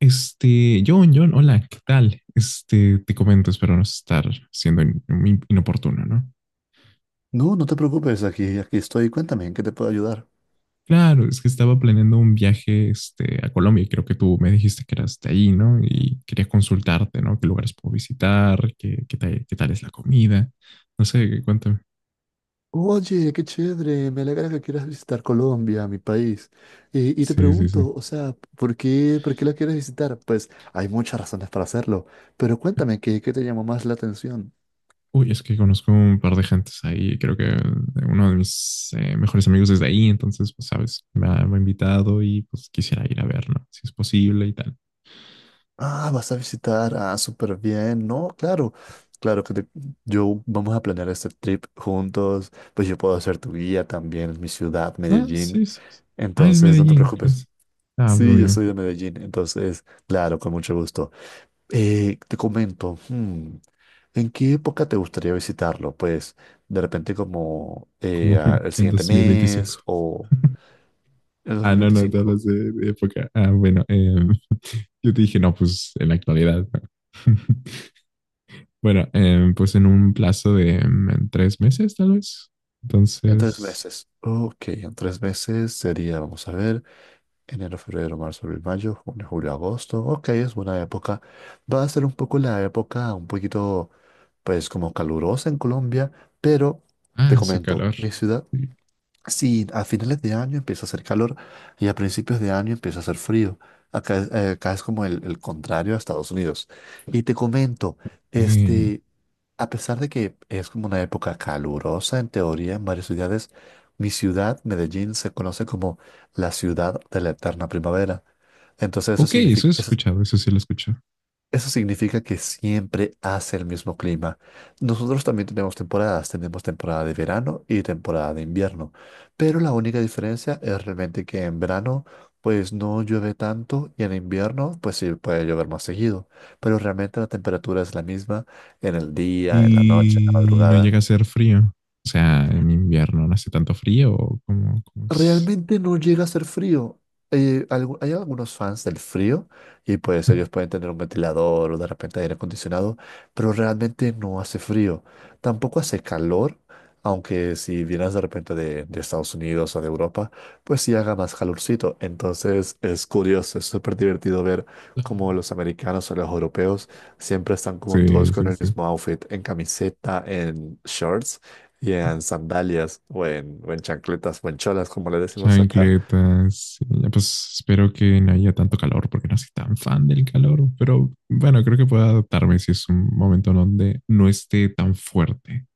John, John, hola, ¿qué tal? Te comento, espero no estar siendo inoportuno, ¿no? No, no te preocupes, aquí estoy. Cuéntame, ¿en qué te puedo ayudar? Claro, es que estaba planeando un viaje, a Colombia y creo que tú me dijiste que eras de ahí, ¿no? Y quería consultarte, ¿no? ¿Qué lugares puedo visitar? ¿Qué tal es la comida? No sé, cuéntame. Oye, qué chévere, me alegra que quieras visitar Colombia, mi país. Y te Sí, sí, sí. pregunto, o sea, ¿por qué la quieres visitar? Pues hay muchas razones para hacerlo, pero cuéntame, ¿qué te llamó más la atención? Uy, es que conozco un par de gentes ahí, creo que uno de mis mejores amigos desde ahí, entonces, pues, sabes, me ha invitado y pues quisiera ir a ver, ¿no? Si es posible y tal. Ah, vas a visitar, ah, súper bien, ¿no? Claro, claro que te- yo vamos a planear este trip juntos, pues yo puedo ser tu guía también en mi ciudad, Ah, Medellín. sí, sí. Sí. Ah, es Entonces, no te Medellín, preocupes. ¿crees? Ah, Sí, muy yo bien. soy de Medellín, entonces, claro, con mucho gusto. Te comento, ¿en qué época te gustaría visitarlo? Pues de repente como Como el en siguiente 2025. mes o el dos Ah, mil no, no, te veinticinco. hablas de época. Ah, bueno, yo te dije, no, pues en la actualidad, ¿no? Bueno, pues en un plazo de en 3 meses, tal vez. En tres Entonces, meses. Ok, en 3 meses sería, vamos a ver, enero, febrero, marzo, abril, mayo, junio, julio, agosto. Ok, es buena época. Va a ser un poco la época un poquito, pues como calurosa en Colombia, pero te ah, hace comento, calor. mi ciudad. Sí, a finales de año empieza a hacer calor y a principios de año empieza a hacer frío. Acá, acá es como el contrario a Estados Unidos. Y te comento, Eh, este, a pesar de que es como una época calurosa en teoría en varias ciudades, mi ciudad, Medellín, se conoce como la ciudad de la eterna primavera. Entonces ok, eso he escuchado, eso sí lo escucho. eso significa que siempre hace el mismo clima. Nosotros también tenemos temporadas, tenemos temporada de verano y temporada de invierno, pero la única diferencia es realmente que en verano pues no llueve tanto y en invierno pues sí puede llover más seguido, pero realmente la temperatura es la misma en el día, en la noche, en la Y no madrugada. llega a ser frío. O sea, en invierno no hace tanto frío o como es. Realmente no llega a ser frío. Hay algunos fans del frío y pues ellos pueden tener un ventilador o de repente aire acondicionado, pero realmente no hace frío. Tampoco hace calor, aunque si vienes de repente de Estados Unidos o de Europa, pues sí haga más calorcito. Entonces es curioso, es súper divertido ver cómo los americanos o los europeos siempre están como todos Sí, con sí, el sí. mismo outfit, en camiseta, en shorts y en sandalias o en chancletas o en cholas, como le decimos acá. Chancletas. Sí, ya. Pues espero que no haya tanto calor porque no soy tan fan del calor. Pero bueno, creo que puedo adaptarme si es un momento donde no esté tan fuerte.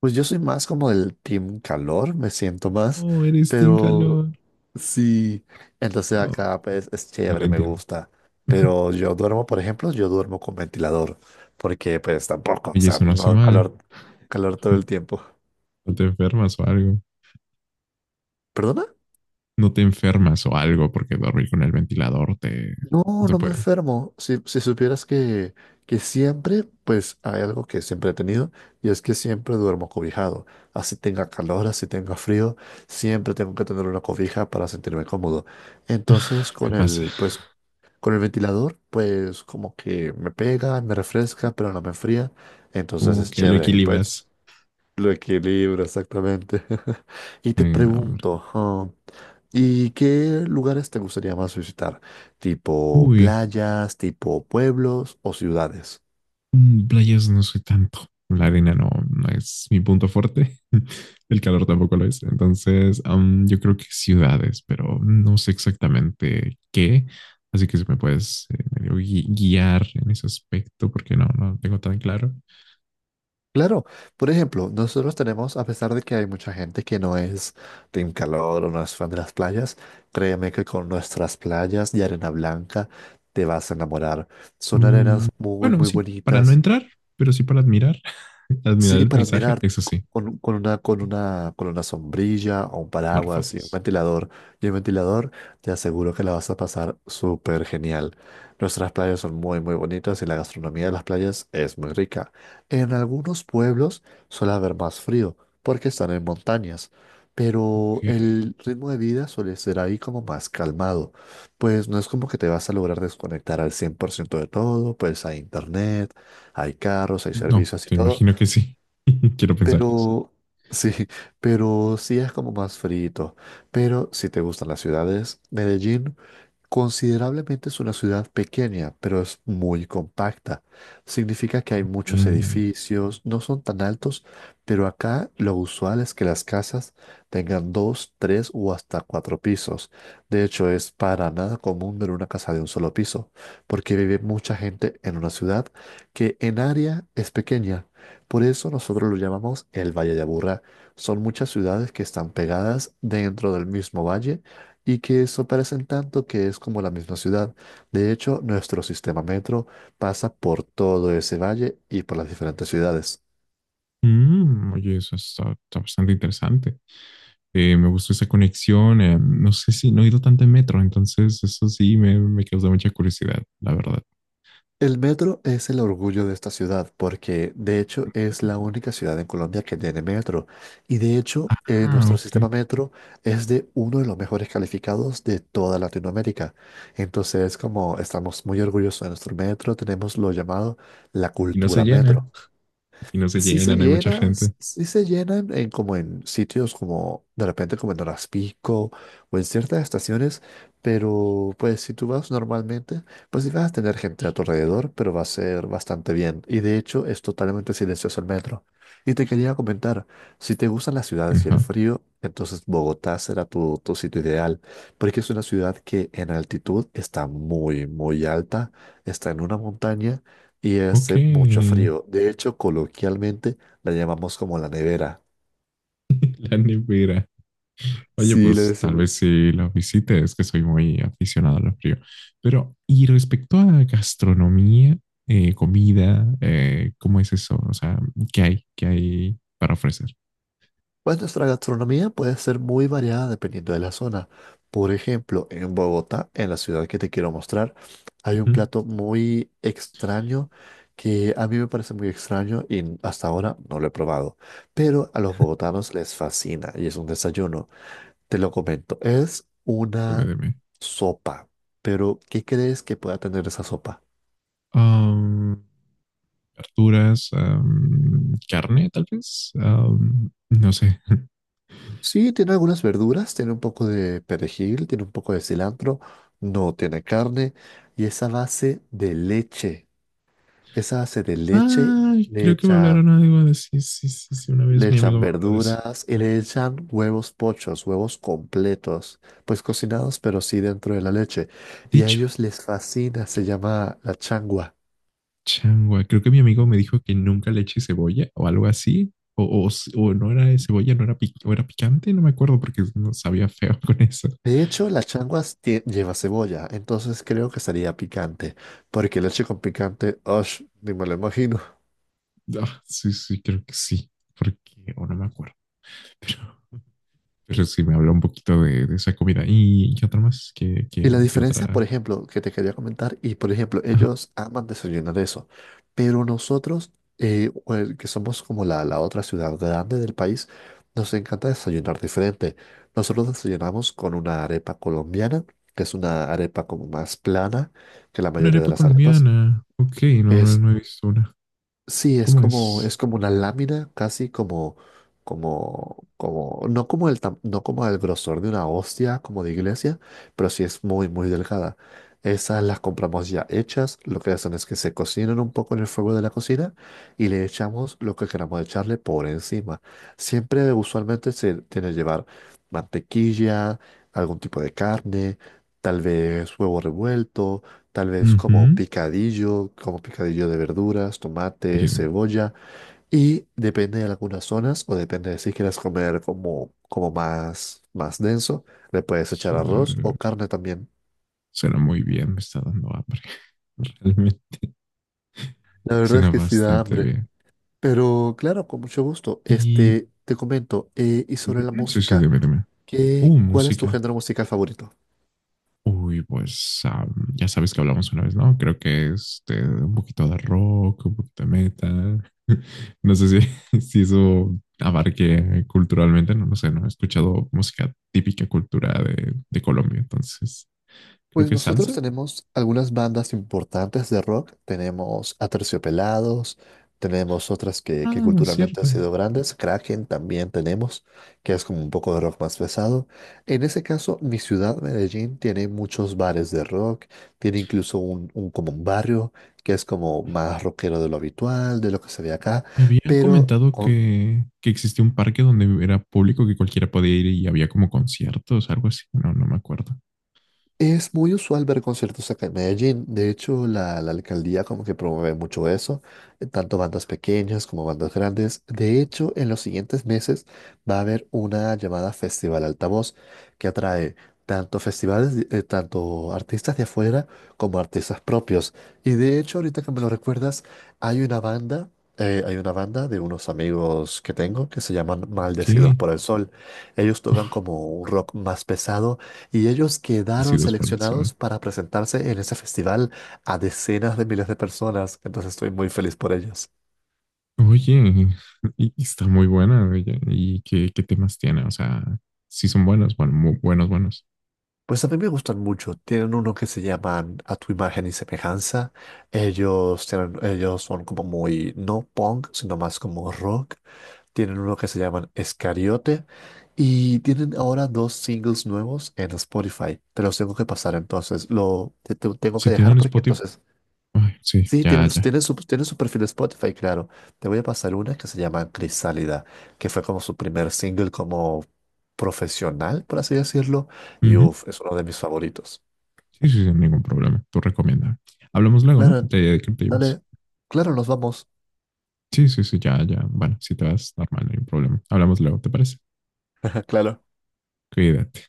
Pues yo soy más como del team calor, me siento más, Oh, eres team pero calor. sí, entonces No, acá pues es no lo chévere, me entiendo. gusta. Pero yo duermo, por ejemplo, yo duermo con ventilador, porque pues tampoco, o Oye, sea, eso no hace no mal. calor, calor todo el tiempo. No te enfermas o algo. ¿Perdona? No te enfermas o algo porque dormir con el ventilador te, no No, te no me puede. enfermo. Si supieras que, pues hay algo que siempre he tenido y es que siempre duermo cobijado. Así tenga calor, así tenga frío, siempre tengo que tener una cobija para sentirme cómodo. Entonces Me pasa. Pues, con el ventilador, pues como que me pega, me refresca, pero no me enfría. Entonces Como es que lo chévere. Y pues equilibras. lo equilibra, exactamente. Y te No, hombre. pregunto, ah, ¿y qué lugares te gustaría más visitar? ¿Tipo Uy, playas, tipo pueblos o ciudades? Playas no soy tanto. La arena no, no es mi punto fuerte. El calor tampoco lo es. Entonces, yo creo que ciudades, pero no sé exactamente qué. Así que si me puedes medio guiar en ese aspecto, porque no, no tengo tan claro. Claro, por ejemplo, nosotros tenemos, a pesar de que hay mucha gente que no es team calor o no es fan de las playas, créeme que con nuestras playas y arena blanca te vas a enamorar. Son Mm, arenas muy, bueno, muy sí, para no bonitas. entrar, pero sí para admirar. Admirar Sí, el para paisaje, admirar eso sí. con una sombrilla o un Tomar paraguas y un fotos. ventilador. Y el ventilador, te aseguro que la vas a pasar súper genial. Nuestras playas son muy, muy bonitas y la gastronomía de las playas es muy rica. En algunos pueblos suele haber más frío porque están en montañas, pero Ok, el ritmo de vida suele ser ahí como más calmado. Pues no es como que te vas a lograr desconectar al 100% de todo, pues hay internet, hay carros, hay no, servicios y te todo, imagino que sí. Quiero pensar que pero sí, pero sí es como más frito. Pero si te gustan las ciudades, Medellín. Considerablemente es una ciudad pequeña, pero es muy compacta. Significa que hay muchos sí. Ok. edificios, no son tan altos, pero acá lo usual es que las casas tengan dos, tres o hasta cuatro pisos. De hecho, es para nada común ver una casa de un solo piso, porque vive mucha gente en una ciudad que en área es pequeña. Por eso nosotros lo llamamos el Valle de Aburrá. Son muchas ciudades que están pegadas dentro del mismo valle y que eso parecen tanto que es como la misma ciudad. De hecho, nuestro sistema metro pasa por todo ese valle y por las diferentes ciudades. Oye, eso está bastante interesante. Me gustó esa conexión. No sé si no he ido tanto en metro, entonces eso sí me causa mucha curiosidad, la verdad. El metro es el orgullo de esta ciudad porque de hecho es la única ciudad en Colombia que tiene metro y de hecho Ah, nuestro ok. sistema metro es de uno de los mejores calificados de toda Latinoamérica. Entonces como estamos muy orgullosos de nuestro metro, tenemos lo llamado la Y no se cultura llena. metro. Y no se Sí se llena, no hay mucha llena, gente. sí se llena en como en sitios como de repente como en Horas Pico o en ciertas estaciones, pero pues si tú vas normalmente, pues sí vas a tener gente a tu alrededor, pero va a ser bastante bien. Y de hecho es totalmente silencioso el metro. Y te quería comentar, si te gustan las ciudades y el Ajá. frío, entonces Bogotá será tu sitio ideal, porque es una ciudad que en altitud está muy, muy alta, está en una montaña y Ok. hace mucho frío. De hecho, coloquialmente la llamamos como la nevera. La nevera. Oye, Sí, le pues tal decimos. vez si la visite, es que soy muy aficionado al frío. Pero, y respecto a gastronomía, comida, ¿cómo es eso? O sea, ¿qué hay? ¿Qué hay para ofrecer? Pues nuestra gastronomía puede ser muy variada dependiendo de la zona. Por ejemplo, en Bogotá, en la ciudad que te quiero mostrar, hay un Ujú. plato muy extraño que a mí me parece muy extraño y hasta ahora no lo he probado. Pero a los bogotanos les fascina y es un desayuno. Te lo comento, es Dime, una dime. sopa. Pero, ¿qué crees que pueda tener esa sopa? Ah, verduras, carne, tal vez. No sé. Sí, tiene algunas verduras, tiene un poco de perejil, tiene un poco de cilantro, no tiene carne y esa base de leche. Esa base de leche Ah, le creo que me echan, hablaron algo de sí, sí, sí, sí. Una vez le mi amigo echan me habló de eso. verduras y le echan huevos pochos, huevos completos, pues cocinados pero sí dentro de la leche. Y a Dicho, ellos les fascina, se llama la changua. changua, creo que mi amigo me dijo que nunca le eche cebolla o algo así. O, o no era de cebolla, no era, o era picante, no me acuerdo porque no sabía feo con eso. De hecho, la changua lleva cebolla, entonces creo que sería picante, porque leche con picante, ¡osh! Ni me lo imagino. Ah, sí, sí, creo que sí. Porque, o no me acuerdo, pero, pero sí me habló un poquito de esa comida. ¿Y qué otra más? ¿Qué, qué, Y la qué diferencia, por otra? ejemplo, que te quería comentar, y por ejemplo, ellos aman desayunar eso, pero nosotros, o el que somos como la otra ciudad grande del país, nos encanta desayunar diferente. Nosotros desayunamos con una arepa colombiana, que es una arepa como más plana que la Una mayoría de arepa las arepas. colombiana. Ok, no, no, Es no he visto una. Sí, ¿Cómo es? es como una lámina, casi no como el grosor de una hostia, como de iglesia, pero sí es muy, muy delgada. Esas las compramos ya hechas, lo que hacen es que se cocinan un poco en el fuego de la cocina y le echamos lo que queramos echarle por encima. Siempre, usualmente, se tiene que llevar mantequilla, algún tipo de carne, tal vez huevo revuelto, tal vez Ujú. Como picadillo de verduras, tomate, Oye, cebolla, y depende de algunas zonas o depende de si quieres comer como más, denso, le puedes echar arroz su- o carne también. suena muy bien, me está dando hambre. Realmente. La verdad es Suena que sí da bastante hambre, bien. pero claro, con mucho gusto. Y Este, te comento, y sobre la sí, sí, música, debe. ¿qué, cuál es tu Música. género musical favorito? Uy, pues ya sabes que hablamos una vez, ¿no? Creo que un poquito de rock, un poquito de metal. No sé si, si eso abarque culturalmente, no, no sé, no he escuchado música típica cultura de Colombia, entonces creo Pues que nosotros salsa. tenemos algunas bandas importantes de rock. Tenemos Aterciopelados, tenemos otras que Ah, es culturalmente han cierto. sido grandes. Kraken también tenemos, que es como un poco de rock más pesado. En ese caso, mi ciudad, Medellín, tiene muchos bares de rock. Tiene incluso como un barrio que es como más rockero de lo habitual, de lo que se ve acá. Me habían Pero... comentado con- que existía un parque donde era público que cualquiera podía ir y había como conciertos, algo así. No, no me acuerdo. Es muy usual ver conciertos acá en Medellín. De hecho, la alcaldía como que promueve mucho eso, tanto bandas pequeñas como bandas grandes. De hecho, en los siguientes meses va a haber una llamada Festival Altavoz que atrae tanto festivales, tanto artistas de afuera como artistas propios. Y de hecho, ahorita que me lo recuerdas, hay una banda, de unos amigos que tengo que se llaman Maldecidos Ok. por el Sol. Ellos tocan como un rock más pesado y ellos quedaron Bendecidos por el sol. seleccionados para presentarse en ese festival a decenas de miles de personas, entonces estoy muy feliz por ellos. Oye, y está muy buena, oye, ¿y qué temas tiene? O sea, sí son buenos, bueno, muy buenos, buenos. Pues a mí me gustan mucho. Tienen uno que se llaman A tu imagen y semejanza. Ellos, ellos son como muy, no punk, sino más como rock. Tienen uno que se llaman Escariote. Y tienen ahora dos singles nuevos en Spotify. Te los tengo que pasar entonces. Tengo que Si dejar tienen porque Spotify, entonces. ay, sí, Sí, ya, tienen, su, ya. tienen su tienen su perfil de Spotify, claro. Te voy a pasar una que se llama Crisálida, que fue como su primer single como profesional, por así decirlo. Y Ujú. uff, es uno de mis favoritos. Sí, sí, sin ningún problema. Tú recomienda. Hablamos luego, ¿no? Claro, De qué te ibas. dale. Claro, nos vamos. Sí, sí, sí, ya, ya. Bueno, si te vas, normal, no hay problema. Hablamos luego, ¿te parece? Claro. Cuídate.